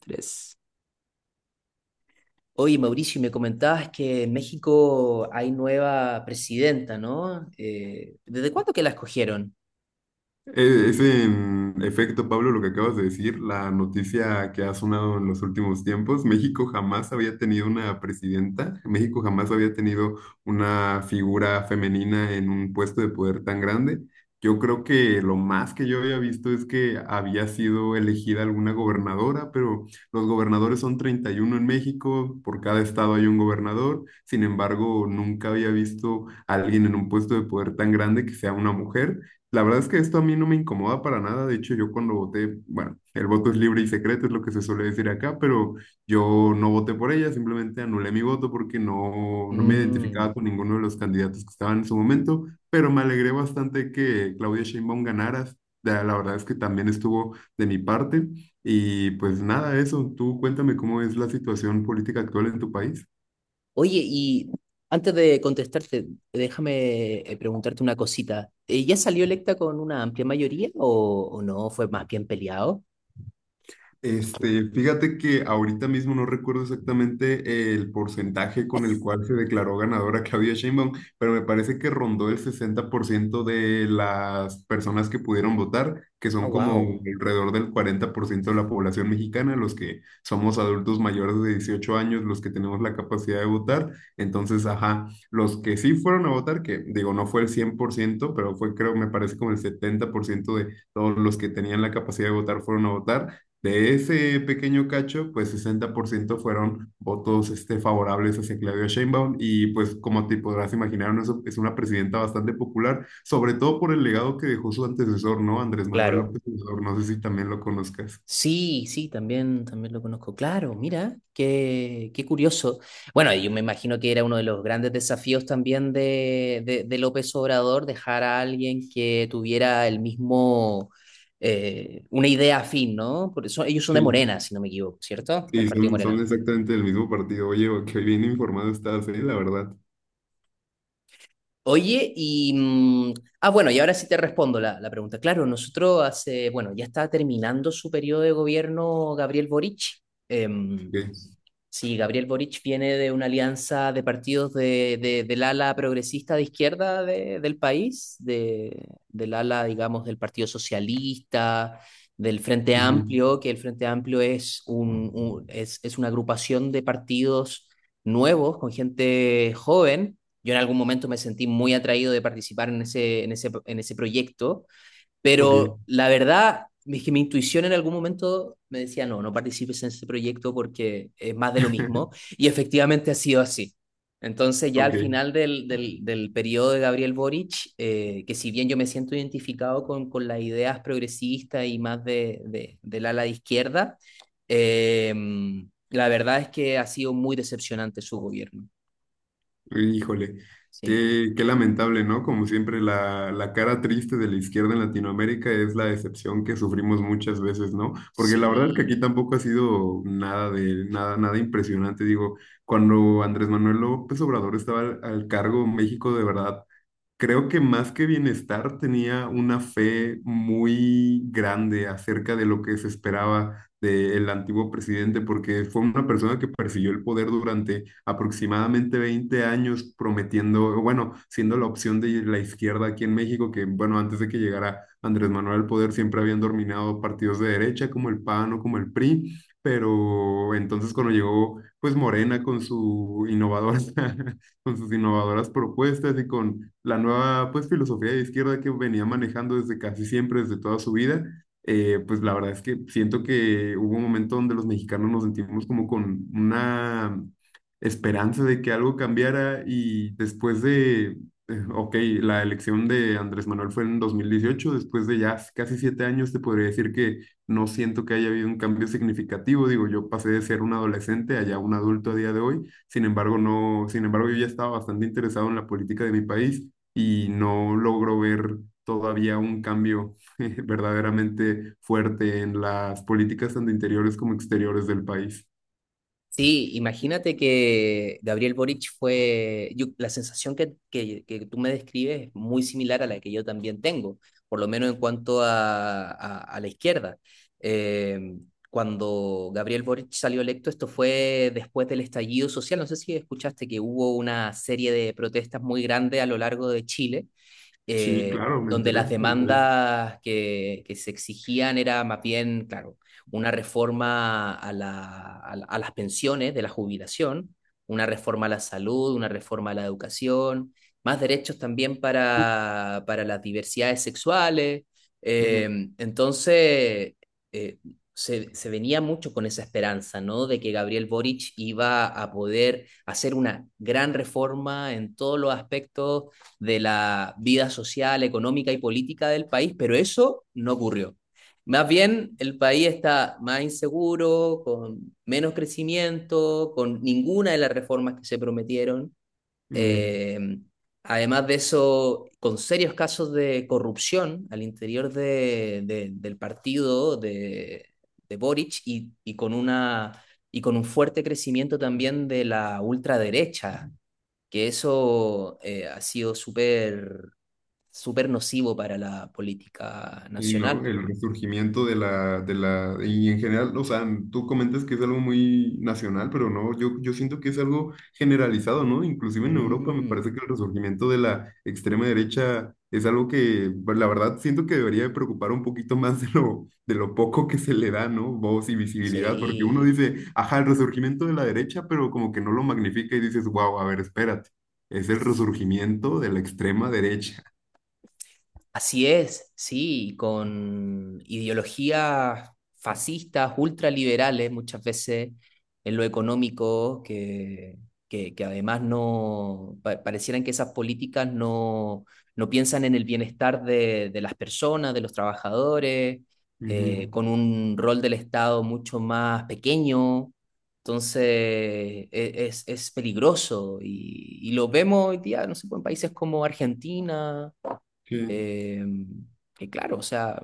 Tres. Oye, Mauricio, y me comentabas que en México hay nueva presidenta, ¿no? ¿Desde cuándo que la escogieron? Es en efecto, Pablo, lo que acabas de decir, la noticia que ha sonado en los últimos tiempos. México jamás había tenido una presidenta, México jamás había tenido una figura femenina en un puesto de poder tan grande. Yo creo que lo más que yo había visto es que había sido elegida alguna gobernadora, pero los gobernadores son 31 en México, por cada estado hay un gobernador. Sin embargo, nunca había visto a alguien en un puesto de poder tan grande que sea una mujer. La verdad es que esto a mí no me incomoda para nada. De hecho, yo cuando voté, bueno, el voto es libre y secreto, es lo que se suele decir acá, pero yo no voté por ella, simplemente anulé mi voto porque no me identificaba Mm. con ninguno de los candidatos que estaban en su momento, pero me alegré bastante que Claudia Sheinbaum ganara. La verdad es que también estuvo de mi parte. Y pues nada, eso. Tú cuéntame cómo es la situación política actual en tu país. Oye, y antes de contestarte, déjame preguntarte una cosita. ¿Ya salió electa con una amplia mayoría o no? ¿Fue más bien peleado? Este, fíjate que ahorita mismo no recuerdo exactamente el porcentaje con el cual se declaró ganadora Claudia Sheinbaum, pero me parece que rondó el 60% de las personas que pudieron votar, que Ah, son como wow. alrededor del 40% de la población mexicana, los que somos adultos mayores de 18 años, los que tenemos la capacidad de votar. Entonces, ajá, los que sí fueron a votar, que digo, no fue el 100% pero fue creo, me parece como el 70% de todos los que tenían la capacidad de votar fueron a votar. De ese pequeño cacho, pues 60% fueron votos este, favorables hacia Claudia Sheinbaum y pues como te podrás imaginar, no es una presidenta bastante popular, sobre todo por el legado que dejó su antecesor, ¿no? Andrés Manuel Claro. López Obrador, no sé si también lo conozcas. Sí, sí, también lo conozco. Claro, mira, qué curioso. Bueno, yo me imagino que era uno de los grandes desafíos también de López Obrador, dejar a alguien que tuviera el mismo, una idea afín, ¿no? Por eso ellos son de Sí. Morena, si no me equivoco, ¿cierto? Del Sí, Partido son, son Morena. exactamente del mismo partido. Oye, qué bien informado estás, ¿eh? La verdad. Oye, y, ah, bueno, y ahora sí te respondo la pregunta. Claro, nosotros hace, bueno, ya está terminando su periodo de gobierno Gabriel Boric. Em, Ok. Sí, Gabriel Boric viene de una alianza de partidos del ala progresista de izquierda del país, del ala, digamos, del Partido Socialista, del Frente Ujú. Amplio, que el Frente Amplio es, un- es una agrupación de partidos nuevos con gente joven. Yo en algún momento me sentí muy atraído de participar en ese proyecto, Ok, pero la verdad es que mi intuición en algún momento me decía, no, no participes en ese proyecto porque es más de lo mismo. Y efectivamente ha sido así. Entonces ya al ok. final del periodo de Gabriel Boric, que si bien yo me siento identificado con las ideas progresistas y más del ala de izquierda, eh, la verdad es que ha sido muy decepcionante su gobierno. Híjole, Sí, qué, qué lamentable, ¿no? Como siempre, la cara triste de la izquierda en Latinoamérica es la decepción que sufrimos muchas veces, ¿no? Porque la verdad es que aquí sí. tampoco ha sido nada de nada, nada impresionante. Digo, cuando Andrés Manuel López Obrador estaba al cargo, México de verdad creo que más que bienestar tenía una fe muy grande acerca de lo que se esperaba del antiguo presidente, porque fue una persona que persiguió el poder durante aproximadamente 20 años prometiendo, bueno, siendo la opción de la izquierda aquí en México, que bueno, antes de que llegara Andrés Manuel al poder siempre habían dominado partidos de derecha como el PAN o como el PRI, pero entonces cuando llegó pues Morena con su innovadora, con sus innovadoras propuestas y con la nueva pues filosofía de izquierda que venía manejando desde casi siempre, desde toda su vida, pues la verdad es que siento que hubo un momento donde los mexicanos nos sentimos como con una esperanza de que algo cambiara y eh, ok, la elección de Andrés Manuel fue en 2018, después de ya casi 7 años te podría decir que no siento que haya habido un cambio significativo, digo, yo pasé de ser un adolescente a ya un adulto a día de hoy, sin embargo, yo ya estaba bastante interesado en la política de mi país y no logro ver todavía un cambio verdaderamente fuerte en las políticas tanto interiores como exteriores del país. Sí, imagínate que Gabriel Boric la sensación que tú me describes es muy similar a la que yo también tengo, por lo menos en cuanto a la izquierda. Eh, Cuando Gabriel Boric salió electo, esto fue después del estallido social, no sé si escuchaste que hubo una serie de protestas muy grandes a lo largo de Chile, Sí, eh, claro, me donde enteré, las me enteré. demandas que se exigían era más bien, claro, una reforma a las pensiones de la jubilación, una reforma a la salud, una reforma a la educación, más derechos también para las diversidades sexuales. Eh, Ujú. entonces, eh, se venía mucho con esa esperanza, ¿no? De que Gabriel Boric iba a poder hacer una gran reforma en todos los aspectos de la vida social, económica y política del país, pero eso no ocurrió. Más bien, el país está más inseguro, con menos crecimiento, con ninguna de las reformas que se prometieron. Mm. Eh, Además de eso, con serios casos de corrupción al interior del partido de Boric, y con un fuerte crecimiento también de la ultraderecha, que eso ha sido súper súper nocivo para la política Y nacional, no, po. el resurgimiento de y en general, o sea, tú comentas que es algo muy nacional, pero no, yo siento que es algo generalizado, ¿no? Inclusive en Europa me Mm, parece que el resurgimiento de la extrema derecha es algo que, pues, la verdad, siento que debería de preocupar un poquito más de lo poco que se le da, ¿no? Voz y visibilidad, porque uno sí. dice, ajá, el resurgimiento de la derecha, pero como que no lo magnifica y dices, wow, a ver, espérate, es el resurgimiento de la extrema derecha. Así es, sí, con ideologías fascistas, ultraliberales muchas veces en lo económico, que además no pa- parecieran que esas políticas no, no piensan en el bienestar de las personas, de los trabajadores, Ujú. con un rol del Estado mucho más pequeño. Entonces, es peligroso, y lo vemos hoy día, no sé, pues, en países como Argentina, Sí. eh, y claro, o sea,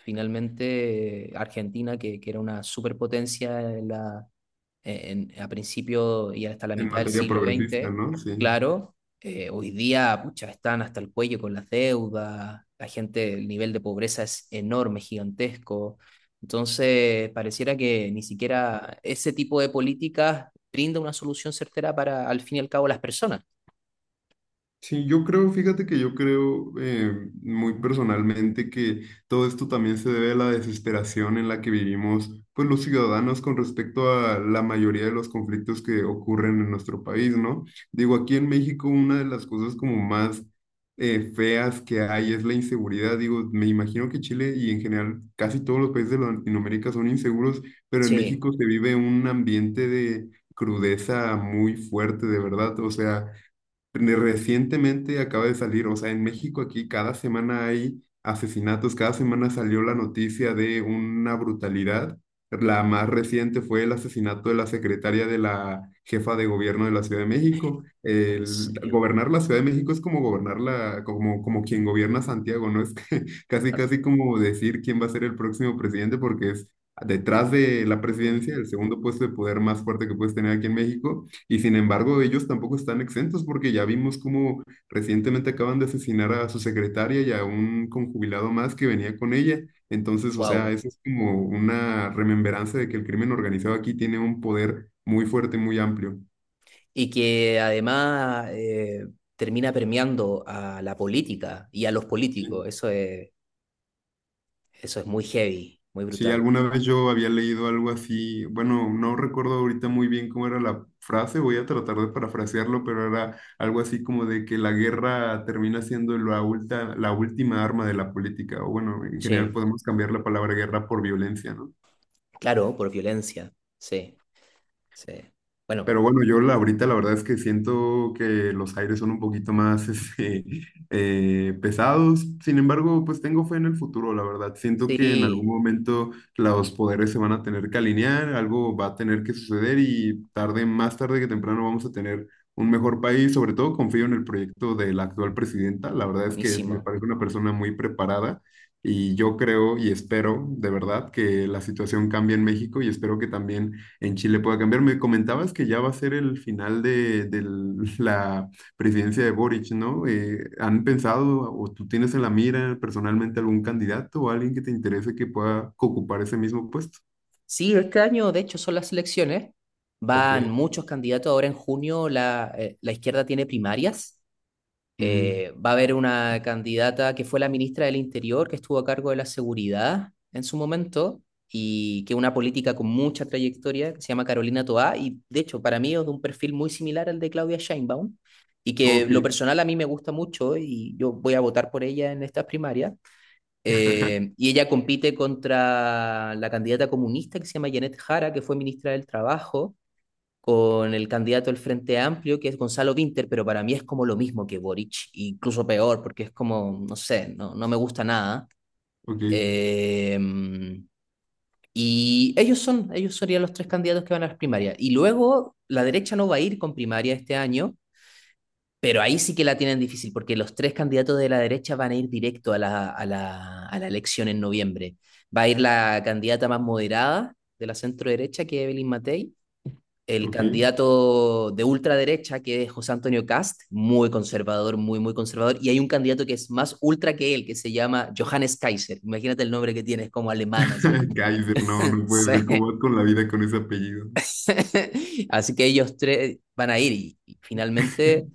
finalmente Argentina, que era una superpotencia a principio y hasta la En mitad del materia siglo progresista, XX, ¿no? Sí. claro, hoy día, pucha, están hasta el cuello con las deudas, la gente, el nivel de pobreza es enorme, gigantesco. Entonces, pareciera que ni siquiera ese tipo de políticas brinda una solución certera para, al fin y al cabo, las personas. Sí, yo creo, fíjate que yo creo muy personalmente que todo esto también se debe a la desesperación en la que vivimos, pues los ciudadanos con respecto a la mayoría de los conflictos que ocurren en nuestro país, ¿no? Digo, aquí en México una de las cosas como más feas que hay es la inseguridad. Digo, me imagino que Chile y en general casi todos los países de Latinoamérica son inseguros, pero en Sí, México se vive un ambiente de crudeza muy fuerte, de verdad. O sea recientemente acaba de salir, o sea, en México aquí cada semana hay asesinatos, cada semana salió la noticia de una brutalidad. La más reciente fue el asesinato de la secretaria de la jefa de gobierno de la Ciudad de México. en El, serio. gobernar la Ciudad de México es como gobernar la, como, como quien gobierna Santiago, ¿no? Es que casi, casi como decir quién va a ser el próximo presidente porque es detrás de la presidencia, el segundo puesto de poder más fuerte que puedes tener aquí en México. Y sin embargo, ellos tampoco están exentos porque ya vimos cómo recientemente acaban de asesinar a su secretaria y a un conjubilado más que venía con ella. Entonces, o sea, Wow, eso es como una remembranza de que el crimen organizado aquí tiene un poder muy fuerte, muy amplio. y que además termina permeando a la política y a los políticos. Eso es muy heavy, muy Sí, brutal. alguna vez yo había leído algo así, bueno, no recuerdo ahorita muy bien cómo era la frase, voy a tratar de parafrasearlo, pero era algo así como de que la guerra termina siendo la la última arma de la política, o bueno, en general Sí, podemos cambiar la palabra guerra por violencia, ¿no? claro, por violencia. Sí, sí. Bueno, Pero bueno, yo la, ahorita la verdad es que siento que los aires son un poquito más este, pesados. Sin embargo, pues tengo fe en el futuro, la verdad. Siento que en algún sí, momento los poderes se van a tener que alinear, algo va a tener que suceder y tarde, más tarde que temprano vamos a tener un mejor país. Sobre todo confío en el proyecto de la actual presidenta. La verdad es que me buenísimo. parece una persona muy preparada. Y yo creo y espero de verdad que la situación cambie en México y espero que también en Chile pueda cambiar. Me comentabas que ya va a ser el final de la presidencia de Boric, ¿no? ¿Han pensado o tú tienes en la mira personalmente algún candidato o alguien que te interese que pueda ocupar ese mismo puesto? Sí, este año, de hecho, son las elecciones. Ok. Van muchos candidatos. Ahora en junio la izquierda tiene primarias. Mm, Va a haber una candidata que fue la ministra del Interior, que estuvo a cargo de la seguridad en su momento, y que es una política con mucha trayectoria, que se llama Carolina Toá, y de hecho para mí es de un perfil muy similar al de Claudia Sheinbaum, y que lo ok. personal a mí me gusta mucho, y yo voy a votar por ella en estas primarias. Y ella compite contra la candidata comunista que se llama Janet Jara, que fue ministra del Trabajo, con el candidato del Frente Amplio, que es Gonzalo Vinter, pero para mí es como lo mismo que Boric, incluso peor, porque es como, no sé, no, no me gusta nada. Ok. Eh, y ellos serían los tres candidatos que van a las primarias. Y luego la derecha no va a ir con primaria este año, pero ahí sí que la tienen difícil, porque los tres candidatos de la derecha van a ir directo a la elección en noviembre. Va a ir la candidata más moderada de la centro derecha, que es Evelyn Matei, el Ok. candidato de ultraderecha, que es José Antonio Cast, muy conservador, muy, muy conservador, y hay un candidato que es más ultra que él, que se llama Johannes Kaiser. Imagínate el nombre que tiene, es como alemán, así. Kaiser, no, no Sí. puede ser. ¿Cómo vas con la vida con ese apellido? Así que ellos tres van a ir y finalmente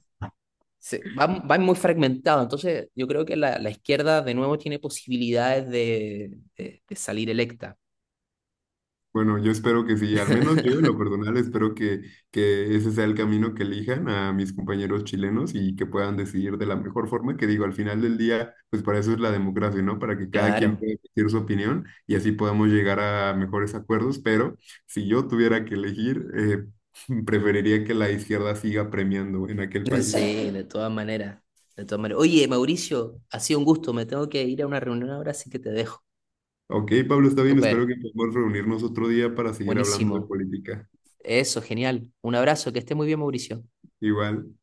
van muy fragmentados. Entonces, yo creo que la izquierda de nuevo tiene posibilidades de salir electa. Bueno, yo espero que sí, al menos yo en lo personal espero que ese sea el camino que elijan a mis compañeros chilenos y que puedan decidir de la mejor forma, que digo, al final del día, pues para eso es la democracia, ¿no? Para que cada quien Claro. pueda decir su opinión y así podamos llegar a mejores acuerdos, pero si yo tuviera que elegir, preferiría que la izquierda siga premiando en aquel país. Sí, de todas maneras, de todas maneras. Oye, Mauricio, ha sido un gusto, me tengo que ir a una reunión ahora, así que te dejo. Ok, Pablo, está bien, Súper, espero que podamos reunirnos otro día para seguir hablando de buenísimo. política. Eso, genial. Un abrazo, que esté muy bien, Mauricio. Igual.